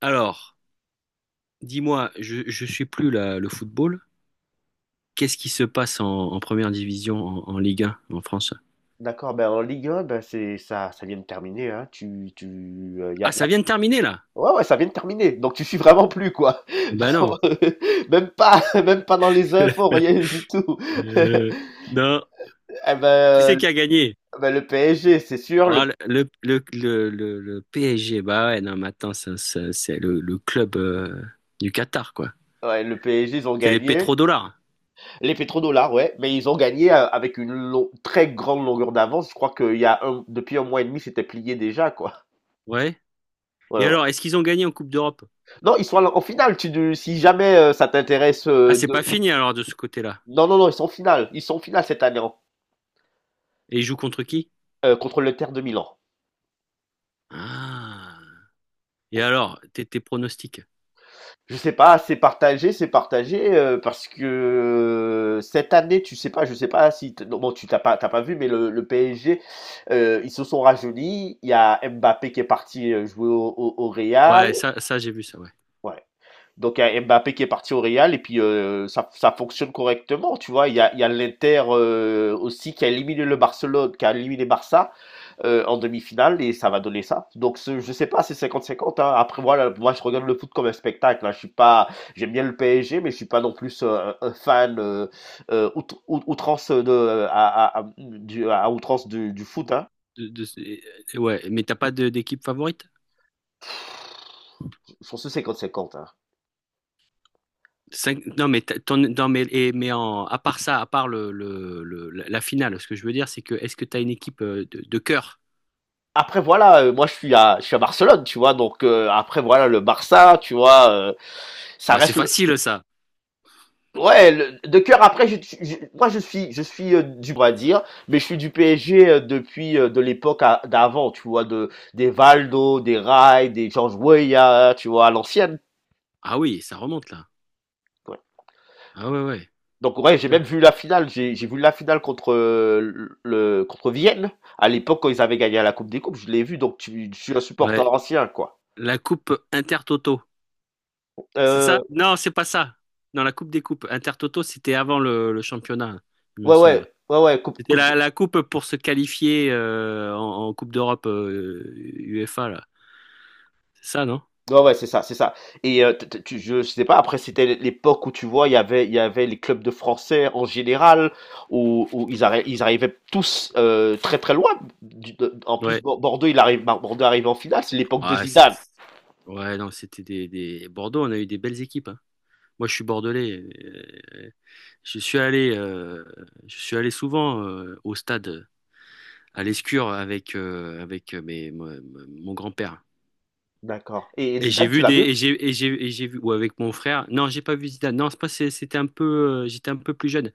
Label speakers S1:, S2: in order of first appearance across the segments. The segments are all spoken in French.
S1: Alors, dis-moi, je suis plus le football. Qu'est-ce qui se passe en première division, en Ligue 1, en France?
S2: D'accord, ben, en Ligue 1, ben, c'est ça vient de terminer, hein. Tu tu, y a
S1: Ah,
S2: y a
S1: ça vient de terminer là?
S2: Ouais, ouais, ça vient de terminer, donc tu suis vraiment plus, quoi.
S1: Ah ben non.
S2: Même pas dans les infos, rien du tout.
S1: Euh, non.
S2: Eh
S1: Qui c'est
S2: ben,
S1: qui a gagné?
S2: ben, le PSG, c'est sûr,
S1: Oh,
S2: le
S1: le PSG. Bah ouais, non, mais attends, c'est le club du Qatar, quoi.
S2: ouais, le PSG, ils ont
S1: C'est les
S2: gagné.
S1: pétrodollars.
S2: Les pétrodollars, ouais, mais ils ont gagné, avec une long très grande longueur d'avance. Je crois qu'il y a un depuis un mois et demi, c'était plié déjà, quoi.
S1: Ouais.
S2: Ouais,
S1: Et
S2: ouais.
S1: alors, est-ce qu'ils ont gagné en Coupe d'Europe?
S2: Non, ils sont à la en finale, tu si jamais, ça t'intéresse,
S1: Ah, c'est pas
S2: de
S1: fini alors de ce côté-là.
S2: non, non, non, ils sont en finale, ils sont en finale cette année,
S1: Et ils jouent contre qui?
S2: contre l'Inter de Milan.
S1: Ah. Et
S2: Bon,
S1: alors, tes pronostics?
S2: je sais pas, c'est partagé, c'est partagé, parce que, cette année, tu sais pas, je sais pas si t- non, bon, tu t'as pas vu, mais le PSG, ils se sont rajeunis. Il y a Mbappé qui est parti, jouer au Real.
S1: Ouais, ça j'ai vu ça, ouais.
S2: Ouais. Donc il y a Mbappé qui est parti au Real et puis, ça fonctionne correctement, tu vois. Il y a l'Inter, aussi qui a éliminé Barça, en demi-finale, et ça va donner ça. Donc, je sais pas, c'est cinquante-cinquante, hein. Après voilà, moi je regarde le foot comme un spectacle, hein. Je suis pas, J'aime bien le PSG, mais je suis pas non plus, un fan, euh, out- outrance de à- du, à outrance du foot, hein.
S1: de- de- ouais, mais t'as pas d'équipe favorite?
S2: Je pense que c'est cinquante 50, hein.
S1: Non, mais non, mais, mais en, à part ça, à part la finale, ce que je veux dire, c'est que est-ce que t'as une équipe de cœur?
S2: Après voilà, moi je suis à Barcelone, tu vois? Donc, après voilà le Barça, tu vois? Ça
S1: Ouais, c'est
S2: reste le
S1: facile ça.
S2: ouais, le de cœur. Après, je suis, du Brésil, mais je suis du PSG, depuis, de l'époque a d'avant, tu vois? De Des Valdo, des Rai, des George Weah, tu vois? À l'ancienne,
S1: Ah oui, ça remonte là.
S2: ouais.
S1: Ah ouais, ouais.
S2: Donc ouais, j'ai
S1: Putain.
S2: même vu la finale. J'ai vu la finale contre, le contre Vienne. À l'époque, quand ils avaient gagné à la Coupe des Coupes, je l'ai vu. Donc, je suis un supporter
S1: Ouais.
S2: ancien, quoi.
S1: La coupe Intertoto. C'est ça?
S2: Euh,
S1: Non, c'est pas ça. Non, la coupe des coupes. Intertoto, c'était avant le championnat, il me
S2: ouais,
S1: semble.
S2: ouais, ouais, ouais, coupe,
S1: C'était
S2: coupe,
S1: la coupe pour se qualifier en, en Coupe d'Europe UEFA, là. C'est ça, non?
S2: ouais, ouais, c'est ça, c'est ça. Et, je sais pas. Après, c'était l'époque où tu vois, il y avait les clubs de Français en général, où ils arrivaient tous, très très loin. En plus,
S1: Ouais.
S2: Bordeaux arrive en finale. C'est l'époque de
S1: Ouais, c'était…
S2: Zidane.
S1: Ouais, non, c'était des… Bordeaux, on a eu des belles équipes, hein. Moi, je suis bordelais. euh, je suis allé, euh, je suis allé souvent au stade à l'Escure avec, avec mes, mon grand-père.
S2: D'accord. Et
S1: Et j'ai
S2: Zidane, tu
S1: vu
S2: l'as
S1: des
S2: vu?
S1: et j'ai vu ou avec mon frère. Non, j'ai pas vu Zidane. Non, c'est pas c'est- c'était un peu j'étais un peu plus jeune.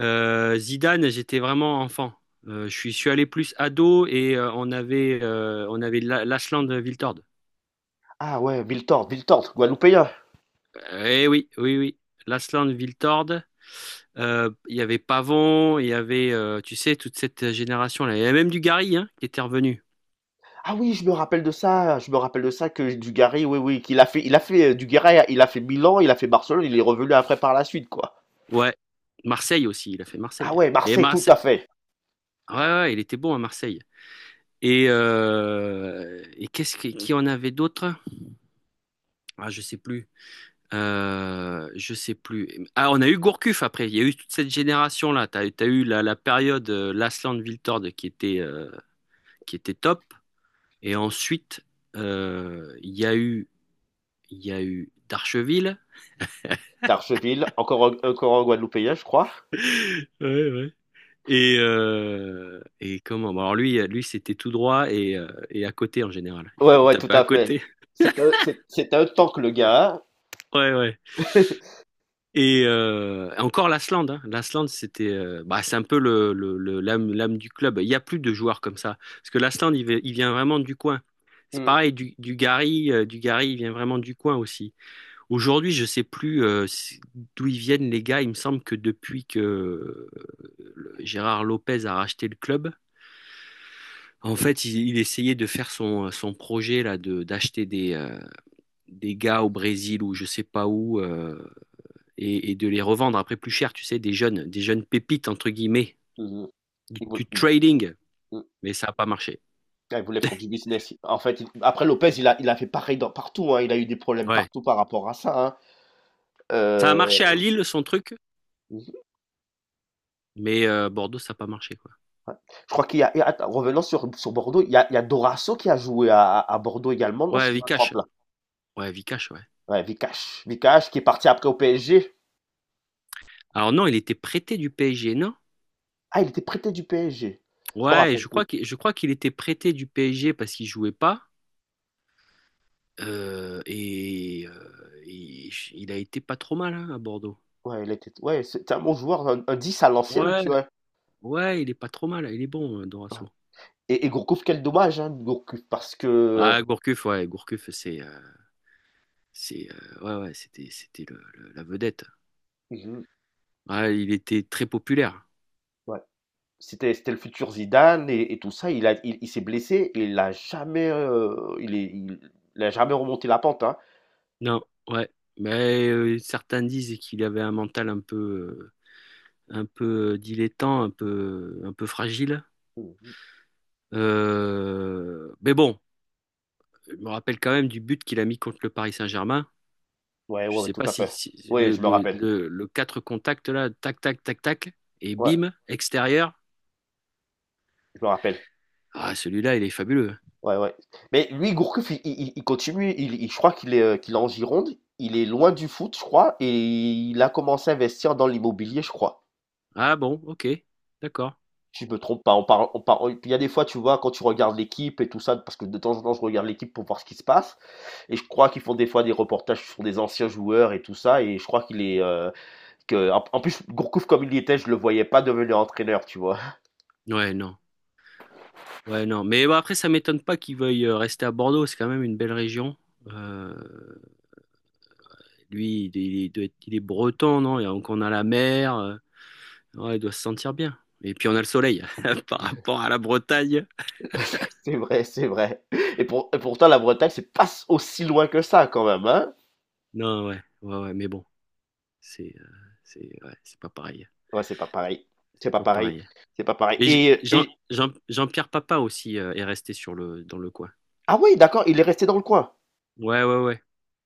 S1: Zidane, j'étais vraiment enfant. Je suis allé plus ado et on avait l'Ashland Wiltord.
S2: Ah ouais, Milton, Milton, Guadeloupéen.
S1: Eh oui, oui, oui. Lasland Viltord. Il y avait Pavon, il y avait, tu sais, toute cette génération-là. Il y avait même du Gary, hein, qui était revenu.
S2: Ah oui, je me rappelle de ça, je me rappelle de ça, que Dugarry, oui, oui, qu'il a fait, Dugarry, il a fait Milan, il a fait Barcelone, il est revenu après par la suite, quoi.
S1: Ouais. Marseille aussi, il a fait
S2: Ah
S1: Marseille.
S2: ouais,
S1: Et
S2: Marseille, tout à
S1: Marseille.
S2: fait.
S1: Ouais, ouais, ouais, il était bon à Marseille. Et qu'est-ce qui en avait d'autres? Ah, je sais plus. Je sais plus. Ah, on a eu Gourcuff après. Il y a eu toute cette génération-là. T'as eu la période Lasland Viltord qui était top. Et ensuite, euh, il y a eu, il y a eu Darcheville.
S2: D'Archeville, encore, encore un Guadeloupéen, je crois.
S1: Ouais, ouais. Et comment? Bon, alors lui, lui c'était tout droit et à côté en général.
S2: Ouais,
S1: Il
S2: ouais, tout
S1: tapait à
S2: à fait.
S1: côté.
S2: C'est un tank, le gars.
S1: Ouais, ouais. Et encore l'Aslande. Hein. L'Aslande, c'était, bah, c'est un peu l'âme, l'âme du club. Il n'y a plus de joueurs comme ça. Parce que l'Aslande, il vient vraiment du coin. C'est
S2: Mm,
S1: pareil, du Gary, il vient vraiment du coin aussi. Aujourd'hui, je sais plus d'où ils viennent les gars. Il me semble que depuis que Gérard Lopez a racheté le club, en fait, il essayait de faire son, son projet là de d'acheter des gars au Brésil ou je sais pas où, et de les revendre après plus cher, tu sais, des jeunes pépites entre guillemets,
S2: mm, mm.
S1: du
S2: Mm, mm,
S1: trading.
S2: mm. Mm.
S1: Mais ça n'a pas marché.
S2: Ah, il voulait faire du business. En fait, après Lopez, il a fait pareil partout, hein. Il a eu des problèmes
S1: Ouais.
S2: partout par rapport à ça, hein.
S1: Ça a
S2: Euh,
S1: marché à Lille son truc, mais Bordeaux ça n'a pas marché, quoi.
S2: Je crois et attends, revenons sur Bordeaux. Il y a Dorasso qui a joué à Bordeaux également, non,
S1: Ouais,
S2: si je ne me
S1: Vikash.
S2: trompe là.
S1: Ouais, Vikash. Ouais.
S2: Ouais, Vikash. Vikash qui est parti après au PSG.
S1: Alors non, il était prêté du PSG, non?
S2: Ah, il était prêté du PSG. Je me
S1: Ouais,
S2: rappelle plus.
S1: je crois qu'il était prêté du PSG parce qu'il jouait pas. Il a été pas trop mal, hein, à Bordeaux.
S2: Ouais, ouais, c'était un bon joueur, un 10 à l'ancienne,
S1: Ouais,
S2: tu vois.
S1: ouais, il est pas trop mal, il est bon,
S2: Ouais.
S1: Dorasso.
S2: Et Gourcuff, quel dommage, hein, Gourcuff, parce que…
S1: Ah, Gourcuff, ouais, Gourcuff, ouais, ouais, c'était la vedette.
S2: Mhm.
S1: Ouais, il était très populaire.
S2: Ouais, c'était le futur Zidane, et tout ça. Il s'est blessé et il a jamais remonté la pente, hein.
S1: Non, ouais, mais certains disent qu'il avait un mental un peu dilettant, un peu fragile.
S2: Mhm.
S1: Mais bon, je me rappelle quand même du but qu'il a mis contre le Paris Saint-Germain.
S2: Ouais,
S1: Je
S2: ouais, ouais,
S1: sais
S2: tout
S1: pas
S2: à
S1: si,
S2: fait.
S1: si
S2: Ouais, je me rappelle.
S1: le 4 contact là, tac, tac, tac, tac, et
S2: Ouais,
S1: bim, extérieur.
S2: je me rappelle.
S1: Ah, celui-là, il est fabuleux.
S2: Ouais, ouais. Mais lui, Gourcuff, il continue. Je crois qu'il est en Gironde. Il est loin du foot, je crois. Et il a commencé à investir dans l'immobilier, je crois.
S1: Ah bon, ok, d'accord.
S2: Si je me trompe pas. On parle, il y a des fois, tu vois, quand tu regardes l'équipe et tout ça, parce que de temps en temps, je regarde l'équipe pour voir ce qui se passe. Et je crois qu'ils font des fois des reportages sur des anciens joueurs et tout ça. Et je crois en plus, Gourcuff, comme il y était, je le voyais pas devenir entraîneur, tu vois.
S1: Ouais, non. Ouais, non. Mais bon, après, ça m'étonne pas qu'il veuille rester à Bordeaux. C'est quand même une belle région. Euh, lui, il est breton, non? Et donc, on a la mer. Ouais, il doit se sentir bien. Et puis, on a le soleil par rapport à la Bretagne.
S2: C'est vrai, c'est vrai. Et pourtant, la Bretagne, c'est pas aussi loin que ça, quand même, hein.
S1: Non, ouais, ouais, ouais, mais bon. C'est euh, c'est ouais, c'est pas pareil.
S2: Ouais, c'est pas pareil. C'est
S1: C'est
S2: pas
S1: pas
S2: pareil.
S1: pareil.
S2: C'est pas pareil.
S1: Mais J- Jean, Jean-Pierre Papin aussi est resté sur dans le coin.
S2: Ah oui, d'accord, il est resté dans le coin?
S1: Ouais, ouais, ouais.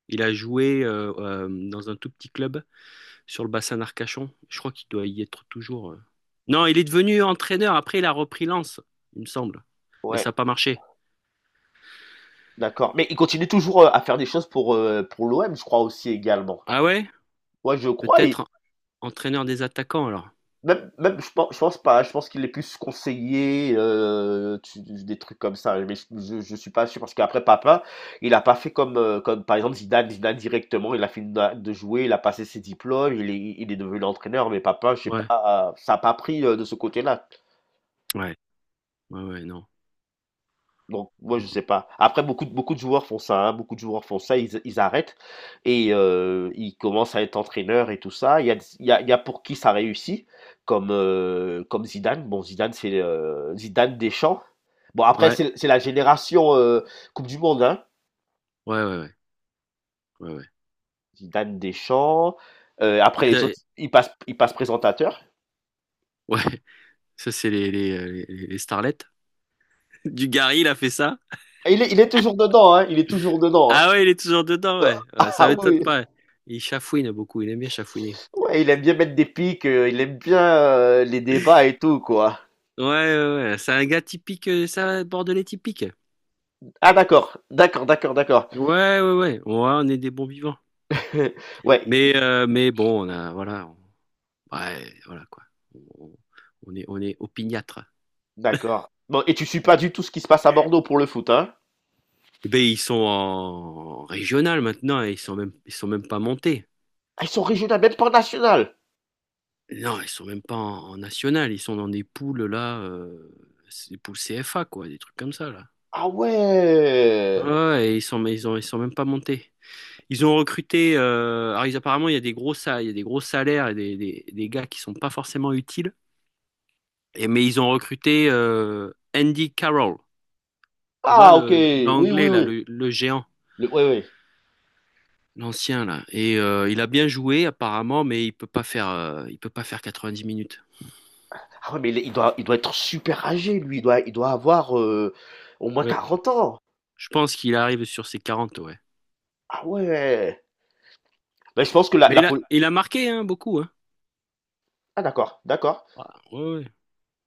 S1: Il a joué dans un tout petit club sur le bassin d'Arcachon. Je crois qu'il doit y être toujours, euh. Non, il est devenu entraîneur. Après, il a repris Lens, il me semble. Mais
S2: Ouais,
S1: ça n'a pas marché.
S2: d'accord. Mais il continue toujours, à faire des choses pour l'OM, je crois aussi également.
S1: Ah ouais?
S2: Ouais, je crois. Et
S1: Peut-être entraîneur des attaquants alors.
S2: même je pense pas, je pense qu'il est plus conseiller, tu des trucs comme ça, mais je suis pas sûr parce qu'après Papa, il a pas fait comme par exemple Zidane. Zidane directement, il a fini d'a de jouer, il a passé ses diplômes, il est devenu l'entraîneur, mais Papa, je sais
S1: Ouais,
S2: pas, ça a pas pris, de ce côté-là.
S1: ouais, ouais, ouais, non.
S2: Donc, moi,
S1: Non,
S2: je
S1: non.
S2: sais pas. Après, beaucoup de joueurs font ça, hein. Beaucoup de joueurs font ça, ils arrêtent et, ils commencent à être entraîneurs et tout ça. Il y a, il y a, il y a pour qui ça réussit, comme Zidane. Bon, Zidane, c'est, Zidane Deschamps. Bon, après,
S1: Ouais,
S2: c'est la génération, Coupe du Monde, hein.
S1: ouais, ouais, ouais, ouais, ouais.
S2: Zidane Deschamps. Après,
S1: Ils
S2: les
S1: a-
S2: autres, ils passent présentateur.
S1: ouais, ça c'est les starlets. Dugarry, il a fait ça?
S2: Et il est toujours dedans, hein. Il est toujours dedans, hein.
S1: Ah ouais, il est toujours dedans, ouais. Ouais, ça
S2: Ah
S1: m'étonne
S2: oui,
S1: pas. Il chafouine beaucoup, il aime bien chafouiner.
S2: ouais, il aime bien mettre des pics, il aime bien, les débats et tout, quoi.
S1: Ouais, ouais, ouais. C'est un gars typique, bordelais typique.
S2: Ah d'accord, d'accord, d'accord, d'accord.
S1: Ouais, ouais, ouais. Ouais, on est des bons vivants.
S2: Ouais,
S1: Mais bon, on a, voilà. on- Ouais, voilà, quoi. On, on est opiniâtre.
S2: d'accord. Bon, et tu suis pas du tout ce qui se passe à Bordeaux pour le foot, hein?
S1: Ben, ils sont en régional maintenant et ils sont même pas montés.
S2: Ah, ils sont régionales, même pas nationales.
S1: Non, ils sont même pas en, en national. Ils sont dans des poules, là, c'est des poules CFA, quoi, des trucs comme ça, là.
S2: Ah
S1: Ouais,
S2: ouais.
S1: ouais, et ils sont même pas montés. Ils ont recruté, alors, apparemment, il y a il y a des gros salaires et des gars qui sont pas forcément utiles. Et, mais ils ont recruté, Andy Carroll. Tu vois,
S2: Ah ok, oui, oui,
S1: l'anglais, là,
S2: oui.
S1: le géant,
S2: Oui, oui.
S1: l'ancien, là. Et il a bien joué, apparemment, mais il peut pas faire 90 minutes.
S2: Ah ouais, mais il il doit être super âgé, lui. Il doit avoir, au moins
S1: Ouais.
S2: 40 ans.
S1: Je pense qu'il arrive sur ses 40, ouais.
S2: Ah ouais. Mais je pense que la,
S1: Mais
S2: la poli-
S1: il a marqué, hein, beaucoup, hein.
S2: Ah d'accord, d'accord,
S1: Ouais, ouais,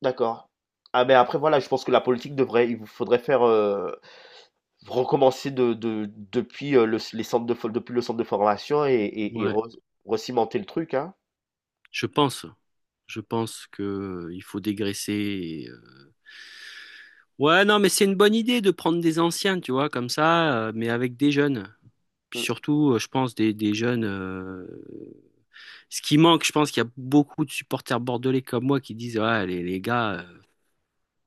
S2: d'accord. Ah mais après voilà, je pense que il vous faudrait faire, recommencer depuis, le les centres de for depuis le centre de formation
S1: ouais.
S2: et
S1: Ouais.
S2: re recimenter le truc, hein.
S1: Je pense. Je pense que il faut dégraisser. Ouais, non, mais c'est une bonne idée de prendre des anciens, tu vois, comme ça, mais avec des jeunes. Puis
S2: Mmh.
S1: surtout, je pense, des jeunes. Ce qui manque, je pense qu'il y a beaucoup de supporters bordelais comme moi qui disent, ouais, les gars,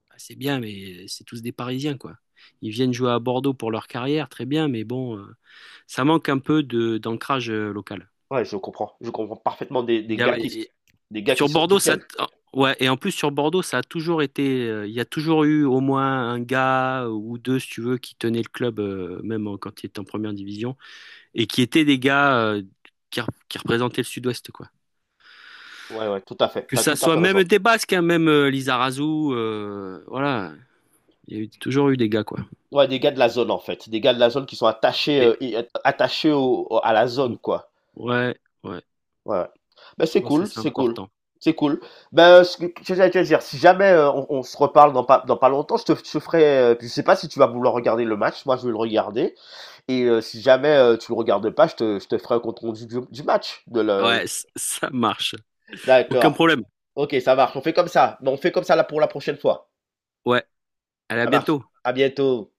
S1: bah, c'est bien, mais c'est tous des Parisiens, quoi. Ils viennent jouer à Bordeaux pour leur carrière, très bien, mais bon, ça manque un peu de d'ancrage local.
S2: Ouais, je comprends. Je comprends parfaitement des
S1: Il
S2: des
S1: y a,
S2: gars qui s des gars
S1: Sur
S2: qui
S1: Bordeaux, ça.
S2: tiennent.
S1: Oh, ouais, et en plus sur Bordeaux, ça a toujours été, euh. Il y a toujours eu au moins un gars ou deux, si tu veux, qui tenaient le club, même quand il était en première division, et qui étaient des gars, qui, qui représentaient le Sud-Ouest, quoi.
S2: Ouais, ouais, tout à fait.
S1: Que
S2: Tu as
S1: ça
S2: tout à
S1: soit
S2: fait
S1: même
S2: raison.
S1: des Basques, hein, même Lizarazu, voilà. Il y a eu- Toujours eu des gars, quoi.
S2: Ouais, des gars de la zone, en fait. Des gars de la zone qui sont
S1: Et,
S2: attachés au au à la zone, quoi.
S1: ouais, ouais,
S2: Ouais, ouais. Bah,
S1: je
S2: c'est
S1: pense que
S2: cool,
S1: c'est
S2: c'est cool,
S1: important.
S2: c'est cool. Ben, ce que j'allais te dire, si jamais, on se reparle dans pas longtemps, je te ferai, je sais pas si tu vas vouloir regarder le match, moi je vais le regarder. Et, si jamais, tu le regardes pas, je te ferai un compte rendu du match.
S1: Ouais, ça marche. Aucun
S2: D'accord.
S1: problème.
S2: Ok, ça marche. On fait comme ça. Mais on fait comme ça là pour la prochaine fois.
S1: Ouais, allez, à
S2: Ça marche.
S1: bientôt.
S2: À bientôt.